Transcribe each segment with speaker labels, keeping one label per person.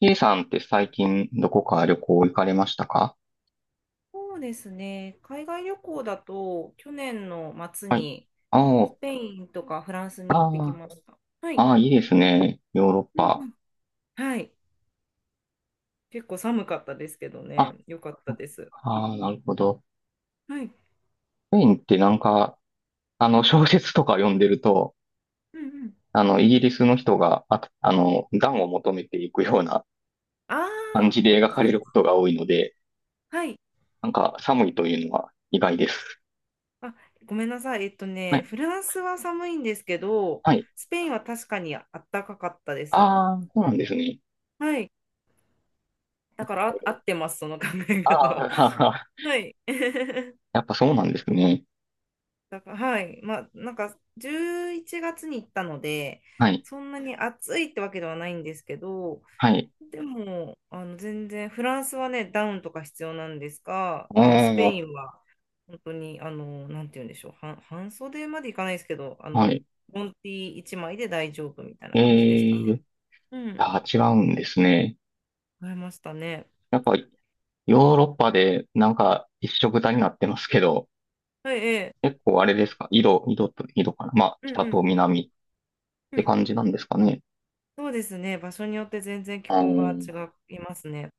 Speaker 1: K さんって最近どこか旅行行かれましたか？
Speaker 2: そうですね。海外旅行だと、去年の末
Speaker 1: はい。
Speaker 2: にス
Speaker 1: あ、
Speaker 2: ペインとかフランス
Speaker 1: あ
Speaker 2: に行ってきました。はい。
Speaker 1: ーいいですね。ヨーロッ
Speaker 2: うんう
Speaker 1: パ。
Speaker 2: ん。はい。結構寒かったですけど
Speaker 1: あ、
Speaker 2: ね。よかったです。
Speaker 1: ああ、なるほど。
Speaker 2: はい。
Speaker 1: スペインってなんか、小説とか読んでると、
Speaker 2: うんうん。
Speaker 1: イギリスの人が、暖を求めていくような
Speaker 2: あ
Speaker 1: 感
Speaker 2: あ、
Speaker 1: じで描か
Speaker 2: そ
Speaker 1: れ
Speaker 2: う
Speaker 1: る
Speaker 2: で
Speaker 1: こ
Speaker 2: す。
Speaker 1: とが多いので、
Speaker 2: はい。
Speaker 1: なんか寒いというのは意外です。
Speaker 2: あ、ごめんなさい。
Speaker 1: は
Speaker 2: ね、
Speaker 1: い。
Speaker 2: フランスは寒いんですけど、
Speaker 1: はい。
Speaker 2: スペインは確かにあったかかったで
Speaker 1: あ
Speaker 2: す。
Speaker 1: あ、そうなんですね。
Speaker 2: はい。だからあ、合っ てます、その考え
Speaker 1: あ
Speaker 2: 方は。
Speaker 1: あ、
Speaker 2: はい。
Speaker 1: やっぱそうなんですね。
Speaker 2: だから、はい。まあ、なんか、11月に行ったので、
Speaker 1: はい。
Speaker 2: そんなに暑いってわけではないんですけど、
Speaker 1: はい。
Speaker 2: でも、あの、全然、フランスはね、ダウンとか必要なんですが、
Speaker 1: お
Speaker 2: あの、スペ
Speaker 1: ー、
Speaker 2: インは、本当に、あの、なんて言うんでしょう、半袖までいかないですけど、あ
Speaker 1: は
Speaker 2: の、
Speaker 1: い。
Speaker 2: ボンティ1枚で大丈夫みたいな感じでした
Speaker 1: え
Speaker 2: ね。
Speaker 1: え、
Speaker 2: うん。
Speaker 1: あ、違うんですね。
Speaker 2: 買いましたね。
Speaker 1: やっぱヨーロッパでなんか一緒くたになってますけど、
Speaker 2: はい、ええ。
Speaker 1: 結構あれですか？色、色と色かな、まあ、
Speaker 2: うん
Speaker 1: 北
Speaker 2: う
Speaker 1: と
Speaker 2: ん。
Speaker 1: 南っ
Speaker 2: う
Speaker 1: て
Speaker 2: ん。
Speaker 1: 感じなんですかね。
Speaker 2: そうですね。場所によって全然気
Speaker 1: あ
Speaker 2: 候が
Speaker 1: ー、
Speaker 2: 違いますね。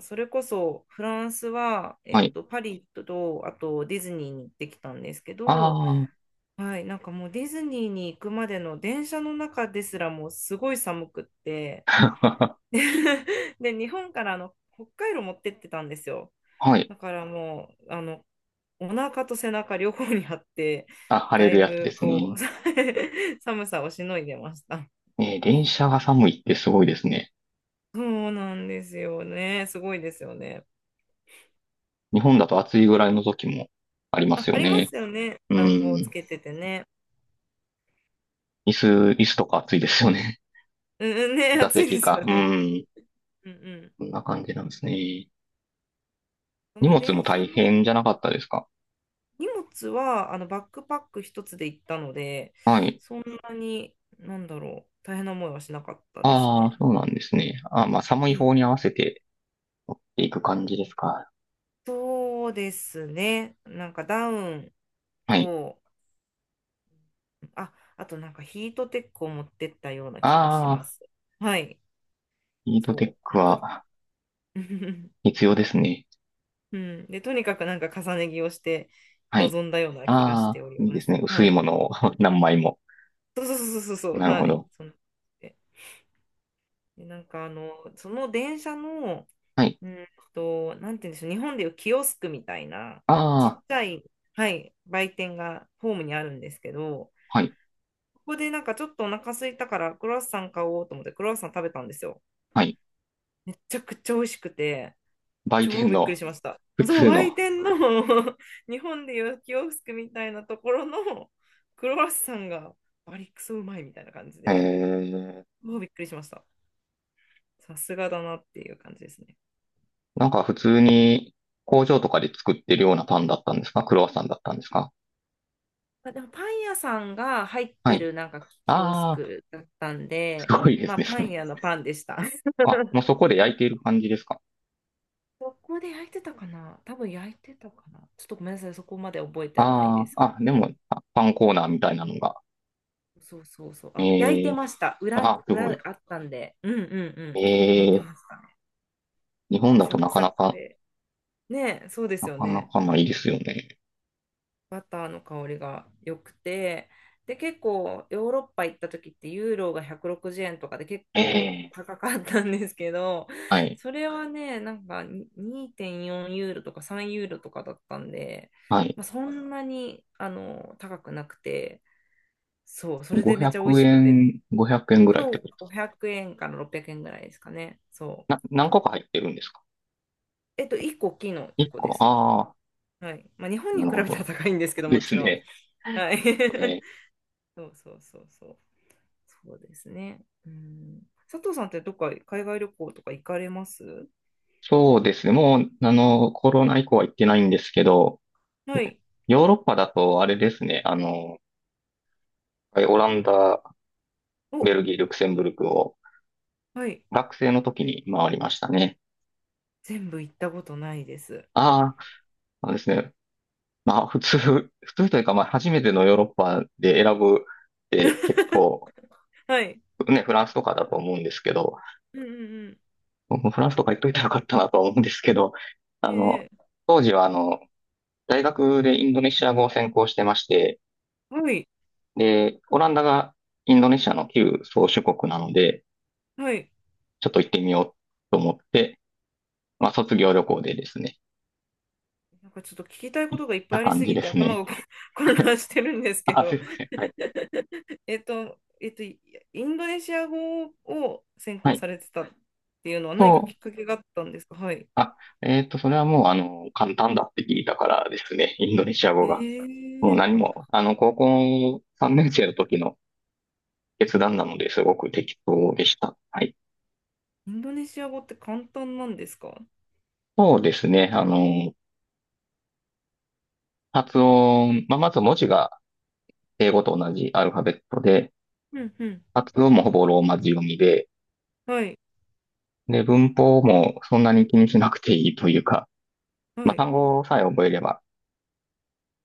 Speaker 2: それこそフランスは、
Speaker 1: はい。
Speaker 2: パリとあとディズニーに行ってきたんですけど、
Speaker 1: あ
Speaker 2: はい、なんかもうディズニーに行くまでの電車の中ですらもうすごい寒くって
Speaker 1: あ、
Speaker 2: で で日本から、あの、北海道持ってってたんですよ。
Speaker 1: はい。
Speaker 2: だからもう、あの、お腹と背中両方にあって、
Speaker 1: あ、晴れ
Speaker 2: だ
Speaker 1: る
Speaker 2: い
Speaker 1: やつで
Speaker 2: ぶ
Speaker 1: す
Speaker 2: こう
Speaker 1: ね。
Speaker 2: 寒さをしのいでました。
Speaker 1: えー、電車が寒いってすごいですね。
Speaker 2: そうなんですよね、すごいですよね。
Speaker 1: 日本だと暑いぐらいの時もありま
Speaker 2: あ、
Speaker 1: すよ
Speaker 2: ありま
Speaker 1: ね。
Speaker 2: すよね。
Speaker 1: う
Speaker 2: 暖房つ
Speaker 1: ん。
Speaker 2: けててね。
Speaker 1: 椅子、椅子とか暑いですよね。
Speaker 2: うんうんね、
Speaker 1: 座
Speaker 2: 暑い
Speaker 1: 席
Speaker 2: です
Speaker 1: か。
Speaker 2: よ
Speaker 1: う
Speaker 2: ね。
Speaker 1: ん。
Speaker 2: うんうん。
Speaker 1: こんな感じなんですね。
Speaker 2: そ
Speaker 1: 荷
Speaker 2: の
Speaker 1: 物も
Speaker 2: 電車
Speaker 1: 大
Speaker 2: の。
Speaker 1: 変じゃなかったですか？
Speaker 2: 荷物は、バックパック一つで行ったので、
Speaker 1: はい。
Speaker 2: そんなに、なんだろう、大変な思いはしなかったです
Speaker 1: ああ、
Speaker 2: ね。
Speaker 1: そうなんですね。あー、まあ、寒い
Speaker 2: うん。
Speaker 1: 方に合わせて持っていく感じですか。
Speaker 2: そうですね。なんかダウン
Speaker 1: はい。
Speaker 2: と、あ、あとなんかヒートテックを持ってったような気がしま
Speaker 1: ああ、
Speaker 2: す。はい、
Speaker 1: ヒートテッ
Speaker 2: そう。
Speaker 1: ク
Speaker 2: と
Speaker 1: は 必要ですね。
Speaker 2: うん。で、とにかくなんか重ね着をして
Speaker 1: はい。
Speaker 2: 臨んだような気がし
Speaker 1: あ
Speaker 2: て
Speaker 1: あ、
Speaker 2: おり
Speaker 1: いいで
Speaker 2: ま
Speaker 1: す
Speaker 2: す。
Speaker 1: ね。薄
Speaker 2: は
Speaker 1: い
Speaker 2: い。
Speaker 1: ものを 何枚も。
Speaker 2: そうそうそうそうそう、
Speaker 1: なるほ
Speaker 2: はい。
Speaker 1: ど。
Speaker 2: そので、でなんか、あの、その電車の、
Speaker 1: はい。
Speaker 2: うんなんて言うんでしょう、日本でいうキオスクみたいな、
Speaker 1: あ
Speaker 2: ちっ
Speaker 1: あ、
Speaker 2: ちゃい、はい、売店がホームにあるんですけど、
Speaker 1: はい。
Speaker 2: ここでなんかちょっとお腹空いたからクロワッサン買おうと思ってクロワッサン食べたんですよ。
Speaker 1: はい。
Speaker 2: めちゃくちゃ美味しくて、
Speaker 1: 売店
Speaker 2: 超びっくり
Speaker 1: の
Speaker 2: しました。
Speaker 1: 普
Speaker 2: そう、
Speaker 1: 通
Speaker 2: 売
Speaker 1: の。
Speaker 2: 店の 日本でいうキオスクみたいなところのクロワッサンがバリクソうまいみたいな感じ
Speaker 1: え
Speaker 2: で、
Speaker 1: ー、
Speaker 2: もうびっくりしました。さすがだなっていう感じですね。
Speaker 1: なんか普通に工場とかで作ってるようなパンだったんですか？クロワッサンだったんですか？
Speaker 2: まあ、でもパン屋さんが入っ
Speaker 1: は
Speaker 2: て
Speaker 1: い。
Speaker 2: るなんかキオス
Speaker 1: ああ、
Speaker 2: クだったん
Speaker 1: す
Speaker 2: で、
Speaker 1: ごいで
Speaker 2: ま
Speaker 1: す
Speaker 2: あパン
Speaker 1: ね。
Speaker 2: 屋のパンでした。
Speaker 1: あ、もうそ こで焼いている感じですか。
Speaker 2: そこで焼いてたかな、多分焼いてたかな、ちょっとごめんなさい、そこまで覚えてないで
Speaker 1: あ
Speaker 2: すけ
Speaker 1: あ、あ、で
Speaker 2: ど。
Speaker 1: も、あ、パンコーナーみたいなのが。
Speaker 2: そうそうそう。あ、焼い
Speaker 1: え
Speaker 2: て
Speaker 1: え、
Speaker 2: ました。裏、
Speaker 1: あ、すご
Speaker 2: 裏
Speaker 1: い。
Speaker 2: あったんで。うんうんうん。
Speaker 1: え
Speaker 2: 焼いて
Speaker 1: え、
Speaker 2: ましたね。
Speaker 1: 日
Speaker 2: な
Speaker 1: 本
Speaker 2: んか
Speaker 1: だと
Speaker 2: サク
Speaker 1: なか
Speaker 2: サ
Speaker 1: な
Speaker 2: ク
Speaker 1: か、
Speaker 2: で。ねえ、そうで
Speaker 1: な
Speaker 2: すよ
Speaker 1: かな
Speaker 2: ね。
Speaker 1: かないですよね。
Speaker 2: バターの香りが良くて。で、結構ヨーロッパ行った時ってユーロが160円とかで結
Speaker 1: え
Speaker 2: 構
Speaker 1: え、
Speaker 2: 高かったんですけど、
Speaker 1: はい、
Speaker 2: それはね、なんかに2.4ユーロとか3ユーロとかだったんで、
Speaker 1: はい。
Speaker 2: まあ、そんなに高くなくて、そう、それでめっ
Speaker 1: 500
Speaker 2: ちゃ美味しくて、
Speaker 1: 円、500円ぐらいっ
Speaker 2: そ
Speaker 1: て
Speaker 2: う、
Speaker 1: ことです。
Speaker 2: 500円から600円ぐらいですかね。そ
Speaker 1: な、
Speaker 2: う。
Speaker 1: 何個か入ってるんですか？
Speaker 2: 1個大きいの1個
Speaker 1: 1
Speaker 2: で
Speaker 1: 個。
Speaker 2: す。
Speaker 1: ああ、
Speaker 2: はい。まあ、日本
Speaker 1: な
Speaker 2: に
Speaker 1: る
Speaker 2: 比
Speaker 1: ほ
Speaker 2: べたら
Speaker 1: ど。
Speaker 2: 高いんですけ ど、
Speaker 1: で
Speaker 2: も
Speaker 1: す
Speaker 2: ちろん。
Speaker 1: ね。
Speaker 2: はい。
Speaker 1: ね。
Speaker 2: そうそうそうそう。そうですね。うん。佐藤さんってどっか海外旅行とか行かれます？
Speaker 1: そうですね。もう、コロナ以降は行ってないんですけど、
Speaker 2: はい。
Speaker 1: ヨーロッパだとあれですね。オランダ、ベ
Speaker 2: お、
Speaker 1: ルギー、ルクセンブルクを
Speaker 2: はい。
Speaker 1: 学生の時に回りましたね。
Speaker 2: 全部行ったことないです。
Speaker 1: ああ、そうですね。まあ、普通、普通というか、まあ、初めてのヨーロッパで選ぶって 結構、
Speaker 2: はい。
Speaker 1: ね、フランスとかだと思うんですけど、
Speaker 2: うんうんうん。
Speaker 1: 僕もフランスとか行っといたらよかったなとは思うんですけど、あの、
Speaker 2: ええ、
Speaker 1: 当時は、大学でインドネシア語を専攻してまして、
Speaker 2: はい。
Speaker 1: で、オランダがインドネシアの旧宗主国なので、
Speaker 2: はい。
Speaker 1: ちょっと行ってみようと思って、まあ、卒業旅行でですね、
Speaker 2: なんかちょっと聞きたいことがいっぱ
Speaker 1: な
Speaker 2: いあり
Speaker 1: 感
Speaker 2: す
Speaker 1: じ
Speaker 2: ぎ
Speaker 1: で
Speaker 2: て
Speaker 1: す
Speaker 2: 頭
Speaker 1: ね。
Speaker 2: が混 乱してるんですけ
Speaker 1: あ、す
Speaker 2: ど。
Speaker 1: いません。はい。
Speaker 2: インドネシア語を専
Speaker 1: は
Speaker 2: 攻
Speaker 1: い。
Speaker 2: されてたっていうのは何か
Speaker 1: そ
Speaker 2: きっ
Speaker 1: う
Speaker 2: かけがあったんですか？はい。
Speaker 1: あ、それはもう、簡単だって聞いたからですね、インドネシア語が。もう何
Speaker 2: あ、
Speaker 1: も、高校3年生の時の決断なのですごく適当でした。はい。
Speaker 2: インドネシア語って簡単なんですか？
Speaker 1: そうですね、発音、まあ、まず文字が英語と同じアルファベットで、
Speaker 2: うんうん。
Speaker 1: 発音もほぼローマ字読みで、
Speaker 2: はい、
Speaker 1: で、文法もそんなに気にしなくていいというか、
Speaker 2: は
Speaker 1: まあ、
Speaker 2: い、
Speaker 1: 単語さえ覚えれば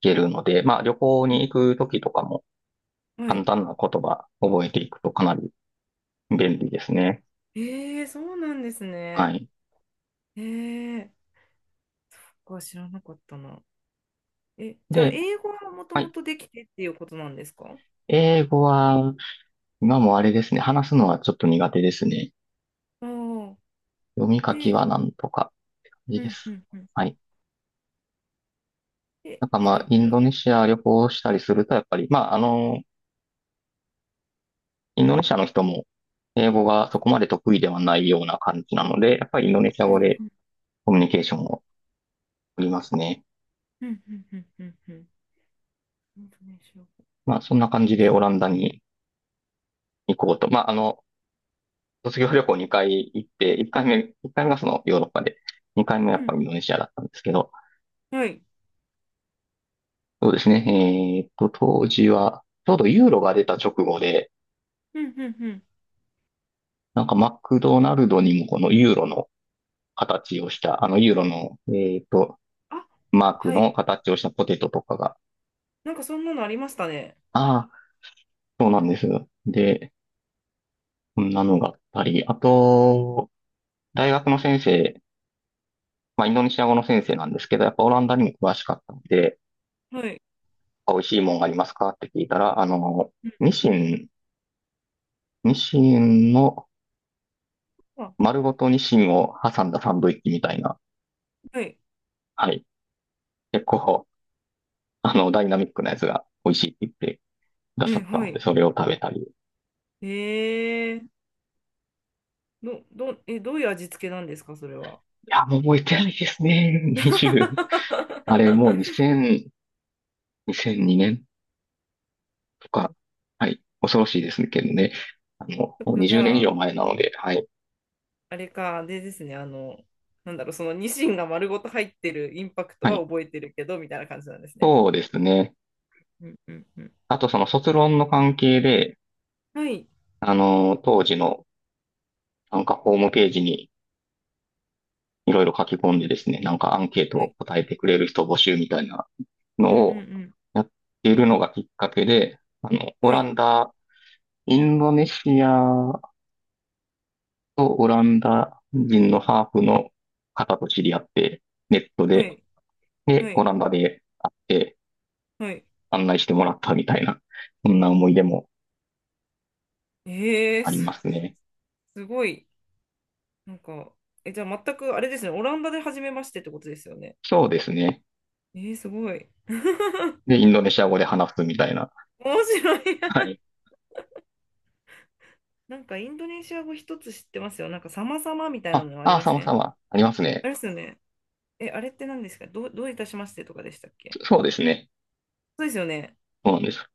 Speaker 1: いけるので、まあ、旅行
Speaker 2: う
Speaker 1: に
Speaker 2: ん、
Speaker 1: 行く時とかも
Speaker 2: は
Speaker 1: 簡
Speaker 2: い。
Speaker 1: 単な言葉覚えていくとかなり便利ですね。
Speaker 2: ええ、そうなんです
Speaker 1: は
Speaker 2: ね。
Speaker 1: い。
Speaker 2: ええ、僕は知らなかったな。え、じゃあ、
Speaker 1: で、
Speaker 2: 英語はもと
Speaker 1: は
Speaker 2: も
Speaker 1: い。
Speaker 2: とできてっていうことなんですか？
Speaker 1: 英語は、今もあれですね。話すのはちょっと苦手ですね。
Speaker 2: ああ。
Speaker 1: 読み書き
Speaker 2: で、
Speaker 1: はなんとか、感じ
Speaker 2: う
Speaker 1: で
Speaker 2: んう
Speaker 1: す。
Speaker 2: んうん。
Speaker 1: はい。
Speaker 2: で、
Speaker 1: なんかま
Speaker 2: う
Speaker 1: あ、
Speaker 2: ん
Speaker 1: インドネシア旅行したりすると、やっぱり、インドネシアの人も、英語がそこまで得意ではないような感じなので、やっぱりインドネシア
Speaker 2: う
Speaker 1: 語
Speaker 2: ん
Speaker 1: でコミュニケーションを取りますね。
Speaker 2: うんうんうんうんうん。インドネシア語。
Speaker 1: まあ、そんな感じで
Speaker 2: え、
Speaker 1: オランダに行こうと。卒業旅行2回行って、1回目、1回がそのヨーロッパで、2回目はやっぱりインドネシアだったんですけど、
Speaker 2: はい。
Speaker 1: そうですね。当時は、ちょうどユーロが出た直後で、
Speaker 2: うんうんうん。
Speaker 1: なんかマクドナルドにもこのユーロの形をした、あのユーロの、ーっと、
Speaker 2: あ、
Speaker 1: マーク
Speaker 2: は
Speaker 1: の
Speaker 2: い。
Speaker 1: 形をしたポテトとかが、
Speaker 2: なんかそんなのありましたね。
Speaker 1: ああ、そうなんです。で、こんなのがあったり、あと、大学の先生、まあ、インドネシア語の先生なんですけど、やっぱオランダにも詳しかったので、
Speaker 2: はい。
Speaker 1: 美味しいもんがありますかって聞いたら、
Speaker 2: うん。
Speaker 1: ニシン、ニシンの
Speaker 2: あ、
Speaker 1: 丸ごとニシンを挟んだサンドイッチみたいな、
Speaker 2: はい。
Speaker 1: はい、結構、ダイナミックなやつが美味しいって言ってくださ
Speaker 2: え、
Speaker 1: った
Speaker 2: は
Speaker 1: ので、
Speaker 2: い。
Speaker 1: それを食べたり。い
Speaker 2: えー、どういう味付けなんですか、それは。
Speaker 1: や、もう覚えてないですね。20。あれ、もう 2000、2002年とか。はい。恐ろしいですけどね。
Speaker 2: そっ
Speaker 1: もう
Speaker 2: か、じ
Speaker 1: 20年以
Speaker 2: ゃ
Speaker 1: 上
Speaker 2: あ、
Speaker 1: 前なので、はい。
Speaker 2: あれか、でですね、なんだろう、そのニシンが丸ごと入ってるインパクト
Speaker 1: は
Speaker 2: は
Speaker 1: い。
Speaker 2: 覚えてるけど、みたいな感じなんですね。
Speaker 1: そうですね。
Speaker 2: うんうんうん。
Speaker 1: あと、その卒論の関係で、
Speaker 2: はい、
Speaker 1: 当時の、なんかホームページにいろいろ書き込んでですね、なんかアンケート
Speaker 2: は
Speaker 1: を
Speaker 2: い、
Speaker 1: 答えてくれる人募集みたいなの
Speaker 2: うんう
Speaker 1: を
Speaker 2: ん
Speaker 1: やっているのがきっかけで、あの、
Speaker 2: うん。
Speaker 1: オ
Speaker 2: は
Speaker 1: ラ
Speaker 2: い、
Speaker 1: ンダ、インドネシアとオランダ人のハーフの方と知り合って、ネット
Speaker 2: は
Speaker 1: で、
Speaker 2: い、は
Speaker 1: で、オ
Speaker 2: い、
Speaker 1: ランダで会って
Speaker 2: はい。
Speaker 1: 案内してもらったみたいな、そんな思い出も
Speaker 2: えー、
Speaker 1: あり
Speaker 2: す、
Speaker 1: ますね。
Speaker 2: すごい。なんか、え、じゃあ全くあれですね、オランダで初めましてってことですよね。
Speaker 1: そうですね。
Speaker 2: すごい。
Speaker 1: で、インドネシア語で話すみたいな。
Speaker 2: 面白い
Speaker 1: は
Speaker 2: な。
Speaker 1: い。
Speaker 2: なんかインドネシア語一つ知ってますよ。なんか様々みたいな
Speaker 1: あ、
Speaker 2: のあり
Speaker 1: あ、
Speaker 2: ま
Speaker 1: 様
Speaker 2: せん？
Speaker 1: 々あります
Speaker 2: あ
Speaker 1: ね。
Speaker 2: れですよね。え、あれって何ですか？どういたしましてとかでしたっけ？
Speaker 1: そ、そうですね。
Speaker 2: そうですよね。
Speaker 1: そうなんです。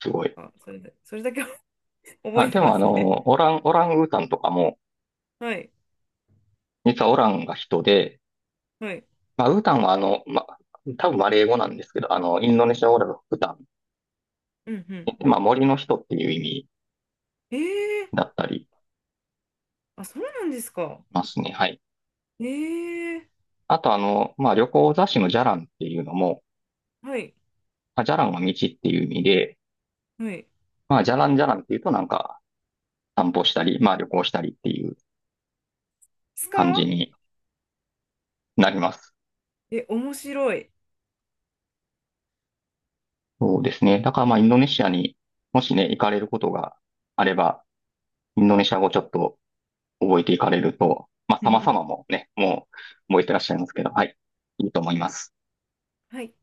Speaker 1: すごい。
Speaker 2: あ、それだけ 覚
Speaker 1: あ、
Speaker 2: えて
Speaker 1: でも
Speaker 2: ま
Speaker 1: あ
Speaker 2: すね。
Speaker 1: の、オランウータンとかも、
Speaker 2: はい。
Speaker 1: 実はオランが人で、
Speaker 2: はい。
Speaker 1: まあ、ウタンは多分マレー語なんですけど、インドネシア語だとウタ
Speaker 2: うんうん。
Speaker 1: ン、まあ、森の人っていう意味
Speaker 2: えー、
Speaker 1: だったり
Speaker 2: あ、そうなんですか。
Speaker 1: ますね。はい。
Speaker 2: えー、
Speaker 1: あとあの、まあ、旅行雑誌のジャランっていうのも、
Speaker 2: はい。
Speaker 1: まあ、ジャランは道っていう意味で、
Speaker 2: はい。で
Speaker 1: まあ、ジャランジャランっていうとなんか散歩したり、まあ、旅行したりっていう
Speaker 2: す
Speaker 1: 感じ
Speaker 2: か？
Speaker 1: になります。
Speaker 2: え、面白い。
Speaker 1: そうですね。だからまあ、インドネシアにもしね、行かれることがあれば、インドネシア語ちょっと覚えていかれると、まあ、様々 もね、もう覚えてらっしゃいますけど、はい、いいと思います。
Speaker 2: はい。